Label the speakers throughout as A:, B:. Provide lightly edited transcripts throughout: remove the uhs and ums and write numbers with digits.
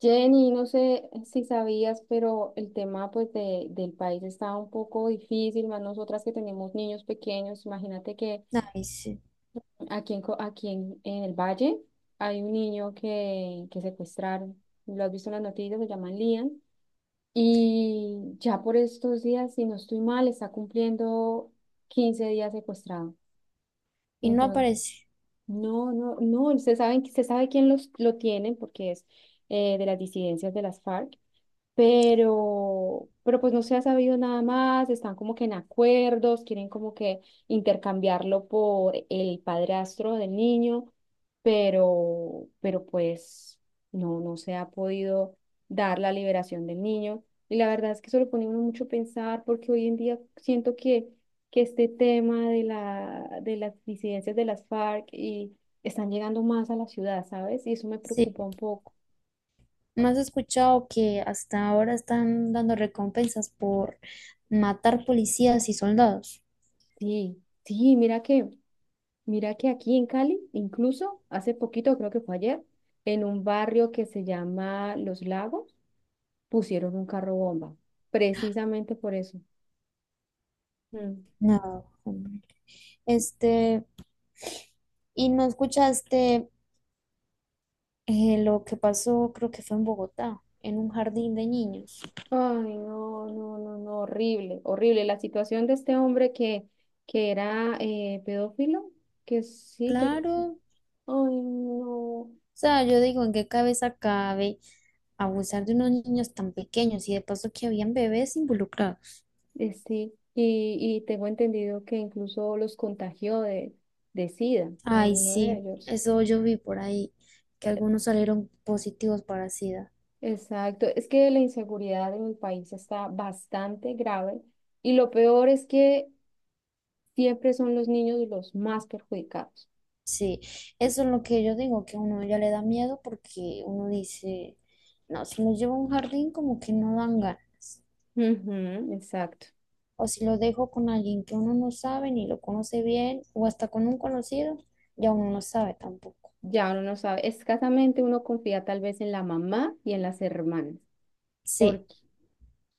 A: Jenny, no sé si sabías, pero el tema del país está un poco difícil, más nosotras que tenemos niños pequeños. Imagínate que
B: Ay, sí.
A: aquí en, Co- aquí en el Valle hay un niño que secuestraron. Lo has visto en las noticias, se llama Lian. Y ya por estos días, si no estoy mal, está cumpliendo 15 días secuestrado. Y
B: Y no
A: entonces,
B: aparece.
A: no, no, no, se saben, se sabe quién lo tienen porque es de las disidencias de las FARC, pero pues no se ha sabido nada más, están como que en acuerdos, quieren como que intercambiarlo por el padrastro del niño, pero pues no se ha podido dar la liberación del niño. Y la verdad es que eso lo pone uno mucho a pensar porque hoy en día siento que este tema de las disidencias de las FARC y están llegando más a la ciudad, ¿sabes? Y eso me
B: Sí.
A: preocupa un poco.
B: ¿No has escuchado que hasta ahora están dando recompensas por matar policías y soldados?
A: Sí, sí, mira que aquí en Cali, incluso hace poquito, creo que fue ayer, en un barrio que se llama Los Lagos, pusieron un carro bomba, precisamente por eso. Mm.
B: No, hombre. Este, y no escuchaste lo que pasó, creo que fue en Bogotá, en un jardín de niños.
A: Ay, no, no, no, no, horrible, horrible. La situación de este hombre que era pedófilo, que sí, que...
B: Claro, o
A: Ay, no,
B: sea, yo digo, ¿en qué cabeza cabe abusar de unos niños tan pequeños? Y de paso que habían bebés involucrados.
A: sí. Y tengo entendido que incluso los contagió de SIDA,
B: Ay,
A: alguno de
B: sí,
A: ellos.
B: eso yo vi por ahí, que algunos salieron positivos para SIDA.
A: Exacto, es que la inseguridad en el país está bastante grave y lo peor es que siempre son los niños los más perjudicados.
B: Sí, eso es lo que yo digo, que a uno ya le da miedo porque uno dice, no, si lo llevo a un jardín como que no dan ganas.
A: Ujú, exacto,
B: O si lo dejo con alguien que uno no sabe ni lo conoce bien, o hasta con un conocido, ya uno no sabe tampoco.
A: ya uno no sabe, escasamente uno confía tal vez en la mamá y en las hermanas.
B: Sí,
A: Porque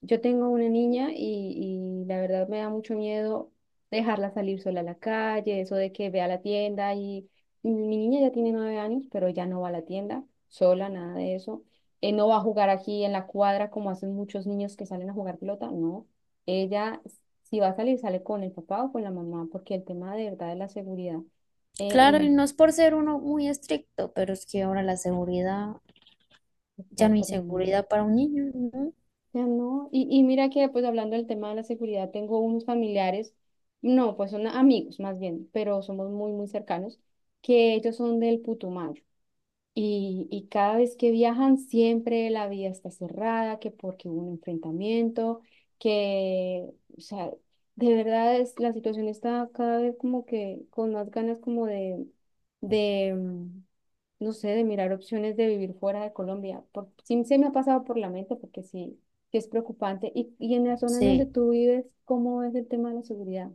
A: yo tengo una niña y la verdad me da mucho miedo dejarla salir sola a la calle, eso de que ve a la tienda y mi niña ya tiene 9 años, pero ya no va a la tienda sola, nada de eso. No va a jugar aquí en la cuadra como hacen muchos niños que salen a jugar pelota, no. Ella, si va a salir, sale con el papá o con la mamá, porque el tema de verdad de la seguridad eh,
B: claro, y no
A: en-
B: es por ser uno muy estricto, pero es que ahora la seguridad,
A: está
B: ya no hay
A: tremendo.
B: seguridad para un niño, ¿no?
A: Ya no, y mira que pues hablando del tema de la seguridad, tengo unos familiares, no, pues son amigos más bien, pero somos muy, muy cercanos, que ellos son del Putumayo. Y cada vez que viajan, siempre la vía está cerrada, que porque hubo un enfrentamiento, que, o sea, de verdad es, la situación está cada vez como que con más ganas como de, mm, no sé, de mirar opciones de vivir fuera de Colombia. Por, sí se me ha pasado por la mente porque sí, sí es preocupante. Y en la zona en donde
B: Sí.
A: tú vives, ¿cómo es el tema de la seguridad?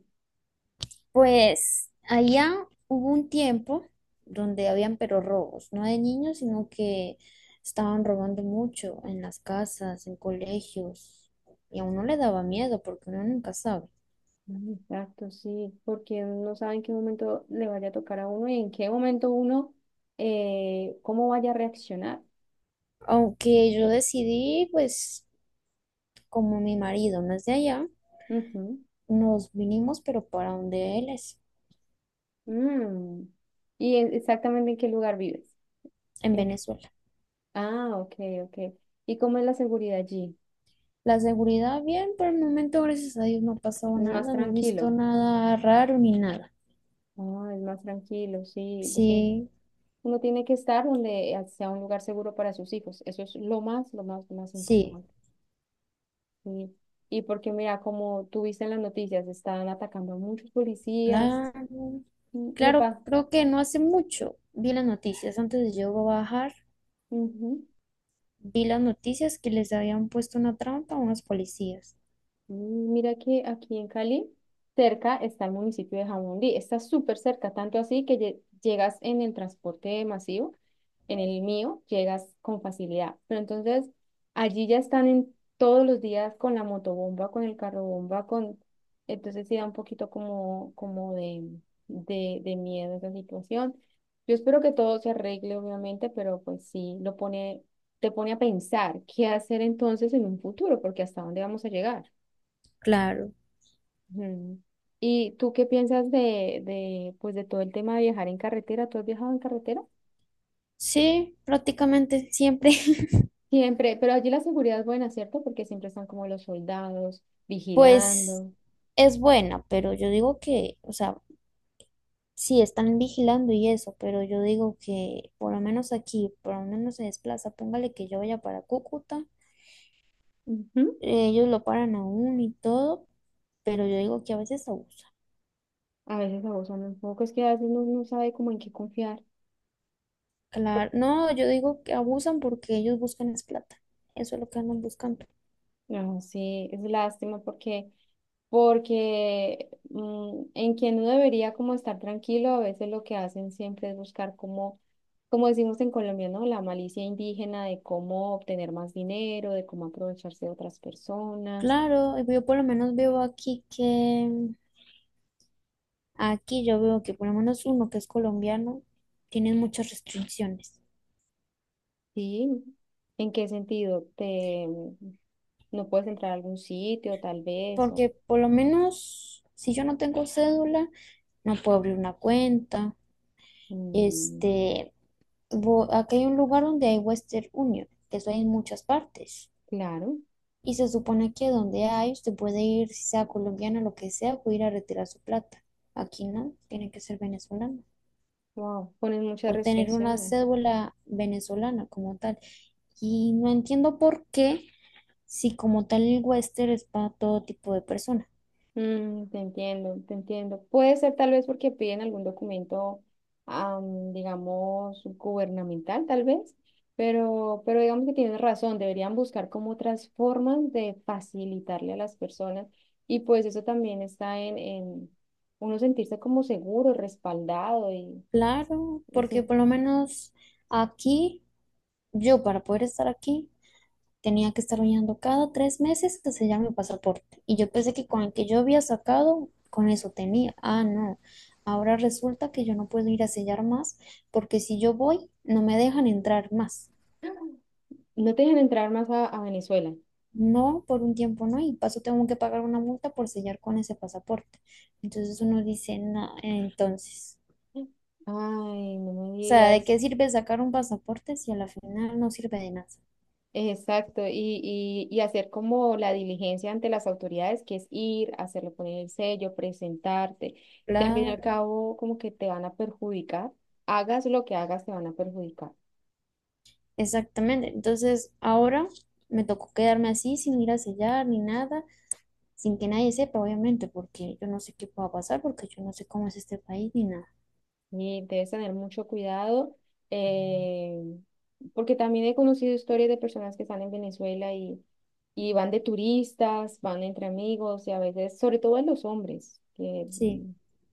B: Pues allá hubo un tiempo donde habían pero robos, no de niños, sino que estaban robando mucho en las casas, en colegios, y a uno le daba miedo porque uno nunca sabe.
A: Mm, exacto, sí, porque uno no sabe en qué momento le vaya a tocar a uno y en qué momento uno, cómo vaya a reaccionar.
B: Aunque yo decidí, pues como mi marido no es de allá,
A: Ujú.
B: nos vinimos pero para donde él es,
A: Mm. ¿Y exactamente en qué lugar vives?
B: en
A: ¿En qué-
B: Venezuela.
A: Ah, ok, ok. ¿Y cómo es la seguridad allí?
B: La seguridad bien, por el momento, gracias a Dios, no ha pasado
A: ¿Es más
B: nada, no he visto
A: tranquilo?
B: nada raro ni nada.
A: Ah, es más tranquilo, sí, definitivamente.
B: Sí,
A: Uno tiene que estar donde sea un lugar seguro para sus hijos. Eso es lo más, lo más, lo más
B: sí.
A: importante. Y, y porque mira, como tú viste en las noticias, están atacando a muchos policías.
B: Claro,
A: Mm, le
B: claro,
A: pasa.
B: creo que no hace mucho vi las noticias, antes de yo bajar, vi las noticias que les habían puesto una trampa a unos policías.
A: Mm, mira que aquí en Cali, cerca está el municipio de Jamundí. Está súper cerca, tanto así que llegas en el transporte masivo, en el mío, llegas con facilidad. Pero entonces, allí ya están en todos los días con la motobomba, con el carrobomba, con... Entonces sí da un poquito como, como de miedo esa situación. Yo espero que todo se arregle, obviamente, pero pues sí, lo pone, te pone a pensar qué hacer entonces en un futuro, porque hasta dónde vamos a llegar.
B: Claro,
A: Ujú. ¿Y tú qué piensas pues de todo el tema de viajar en carretera? ¿Tú has viajado en carretera?
B: sí, prácticamente siempre,
A: Siempre, pero allí la seguridad es buena, ¿cierto? Porque siempre están como los soldados
B: pues
A: vigilando.
B: es buena, pero yo digo que, o sea, sí están vigilando y eso, pero yo digo que por lo menos aquí, por lo menos se desplaza, póngale que yo vaya para Cúcuta,
A: Ujú.
B: ellos lo paran aún y todo, pero yo digo que a veces abusan.
A: A veces abusan un poco, es que a veces uno no sabe como en qué confiar.
B: Claro, no, yo digo que abusan porque ellos buscan es plata. Eso es lo que andan buscando.
A: No, sí, es lástima porque porque en quien uno debería como estar tranquilo, a veces lo que hacen siempre es buscar como, como decimos en Colombia, ¿no? La malicia indígena de cómo obtener más dinero, de cómo aprovecharse de otras personas,
B: Claro, yo por lo menos veo aquí que, aquí yo veo que por lo menos uno que es colombiano tiene muchas restricciones.
A: ¿sí? ¿En qué sentido? No puedes entrar a algún sitio, tal vez,
B: Porque
A: o,
B: por lo menos si yo no tengo cédula, no puedo abrir una cuenta.
A: mm,
B: Este, aquí hay un lugar donde hay Western Union, que eso hay en muchas partes.
A: claro,
B: Y se supone que donde hay, usted puede ir, si sea colombiano, lo que sea, o ir a retirar su plata. Aquí no, tiene que ser venezolano.
A: wow, ponen muchas
B: O tener una
A: restricciones.
B: cédula venezolana como tal. Y no entiendo por qué, si como tal el Western es para todo tipo de personas.
A: Mm, te entiendo, te entiendo. Puede ser tal vez porque piden algún documento, digamos, gubernamental, tal vez, pero digamos que tienes razón, deberían buscar como otras formas de facilitarle a las personas y pues eso también está en uno sentirse como seguro, respaldado y,
B: Claro,
A: y
B: porque
A: sin-
B: por lo menos aquí, yo para poder estar aquí, tenía que estar bañando cada 3 meses que sellar mi pasaporte. Y yo pensé que con el que yo había sacado, con eso tenía. Ah, no. Ahora resulta que yo no puedo ir a sellar más porque si yo voy, no me dejan entrar más.
A: no te dejan entrar más a Venezuela.
B: No, por un tiempo no. Y paso tengo que pagar una multa por sellar con ese pasaporte. Entonces uno dice, no, entonces.
A: Ay, no me
B: O sea, ¿de
A: digas.
B: qué sirve sacar un pasaporte si a la final no sirve de nada?
A: Exacto, y hacer como la diligencia ante las autoridades, que es ir, hacerlo poner el sello, presentarte, que al fin y al
B: Claro,
A: cabo como que te van a perjudicar, hagas lo que hagas, te van a perjudicar.
B: exactamente. Entonces, ahora me tocó quedarme así sin ir a sellar ni nada. Sin que nadie sepa, obviamente, porque yo no sé qué pueda pasar, porque yo no sé cómo es este país ni nada.
A: Y debes tener mucho cuidado, eh, porque también he conocido historias de personas que están en Venezuela y van de turistas, van entre amigos y a veces, sobre todo en los hombres, que
B: Sí,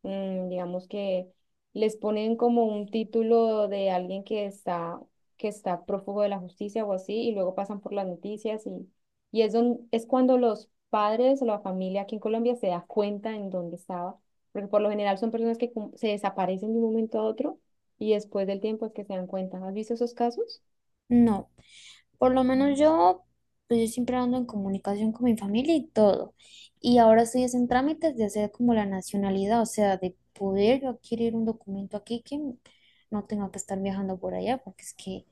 A: digamos que les ponen como un título de alguien que está prófugo de la justicia o así, y luego pasan por las noticias y es, es cuando los padres o la familia aquí en Colombia se da cuenta en dónde estaba porque por lo general son personas que se desaparecen de un momento a otro y después del tiempo es que se dan cuenta. ¿Has visto esos casos?
B: no. Por lo menos
A: Ujú.
B: yo, pues yo siempre ando en comunicación con mi familia y todo. Y ahora estoy es en trámites de hacer como la nacionalidad, o sea, de poder yo adquirir un documento aquí que no tenga que estar viajando por allá, porque es que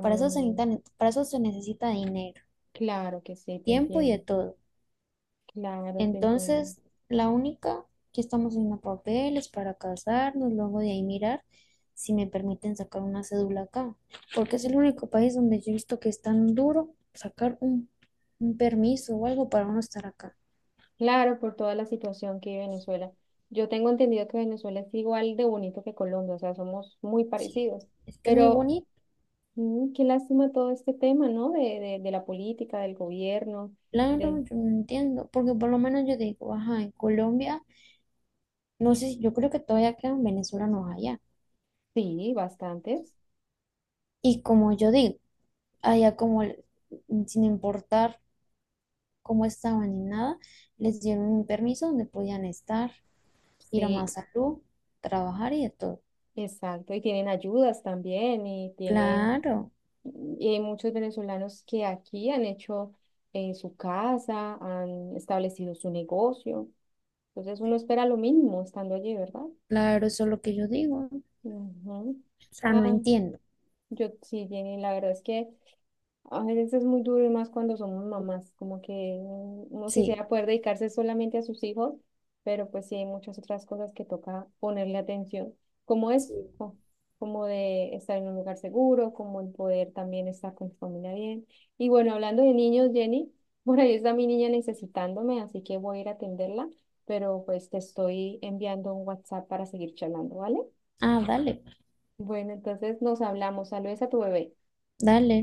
B: para eso se necesita, para eso se necesita dinero,
A: claro que sí, te
B: tiempo y de
A: entiendo.
B: todo.
A: Claro, te entiendo.
B: Entonces, la única que estamos haciendo papeles para casarnos, luego de ahí mirar si me permiten sacar una cédula acá, porque es
A: Mm.
B: el único país donde yo he visto que es tan duro sacar un permiso o algo para uno estar acá.
A: Claro, por toda la situación que vive Venezuela. Yo tengo entendido que Venezuela es igual de bonito que Colombia, o sea, somos muy parecidos.
B: Es que es muy
A: Pero
B: bonito.
A: mm, qué lástima todo este tema, ¿no? De la política, del gobierno,
B: Claro,
A: de...
B: yo no entiendo, porque por lo menos yo digo, ajá, en Colombia, no sé, yo creo que todavía quedan venezolanos allá.
A: Sí, bastantes.
B: Y como yo digo, allá como, sin importar cómo estaban ni nada, les dieron un permiso donde podían estar, ir a más
A: Sí,
B: salud, trabajar y de todo.
A: exacto, y tienen ayudas también, y tienen
B: Claro,
A: y hay muchos venezolanos que aquí han hecho su casa, han establecido su negocio. Entonces uno espera lo mismo estando allí, ¿verdad?
B: claro, eso es lo que yo digo. O
A: Ujú.
B: sea, no
A: Ah,
B: entiendo.
A: yo sí, Jenny, la verdad es que a veces es muy duro y más cuando somos mamás, como que uno
B: Sí.
A: quisiera poder dedicarse solamente a sus hijos, pero pues sí hay muchas otras cosas que toca ponerle atención, como
B: Sí.
A: es, como de estar en un lugar seguro, como el poder también estar con tu familia bien. Y bueno, hablando de niños, Jenny, por ahí está mi niña necesitándome, así que voy a ir a atenderla, pero pues te estoy enviando un WhatsApp para seguir charlando, ¿vale?
B: Ah, dale,
A: Bueno, entonces nos hablamos. Saludos a tu bebé.
B: dale.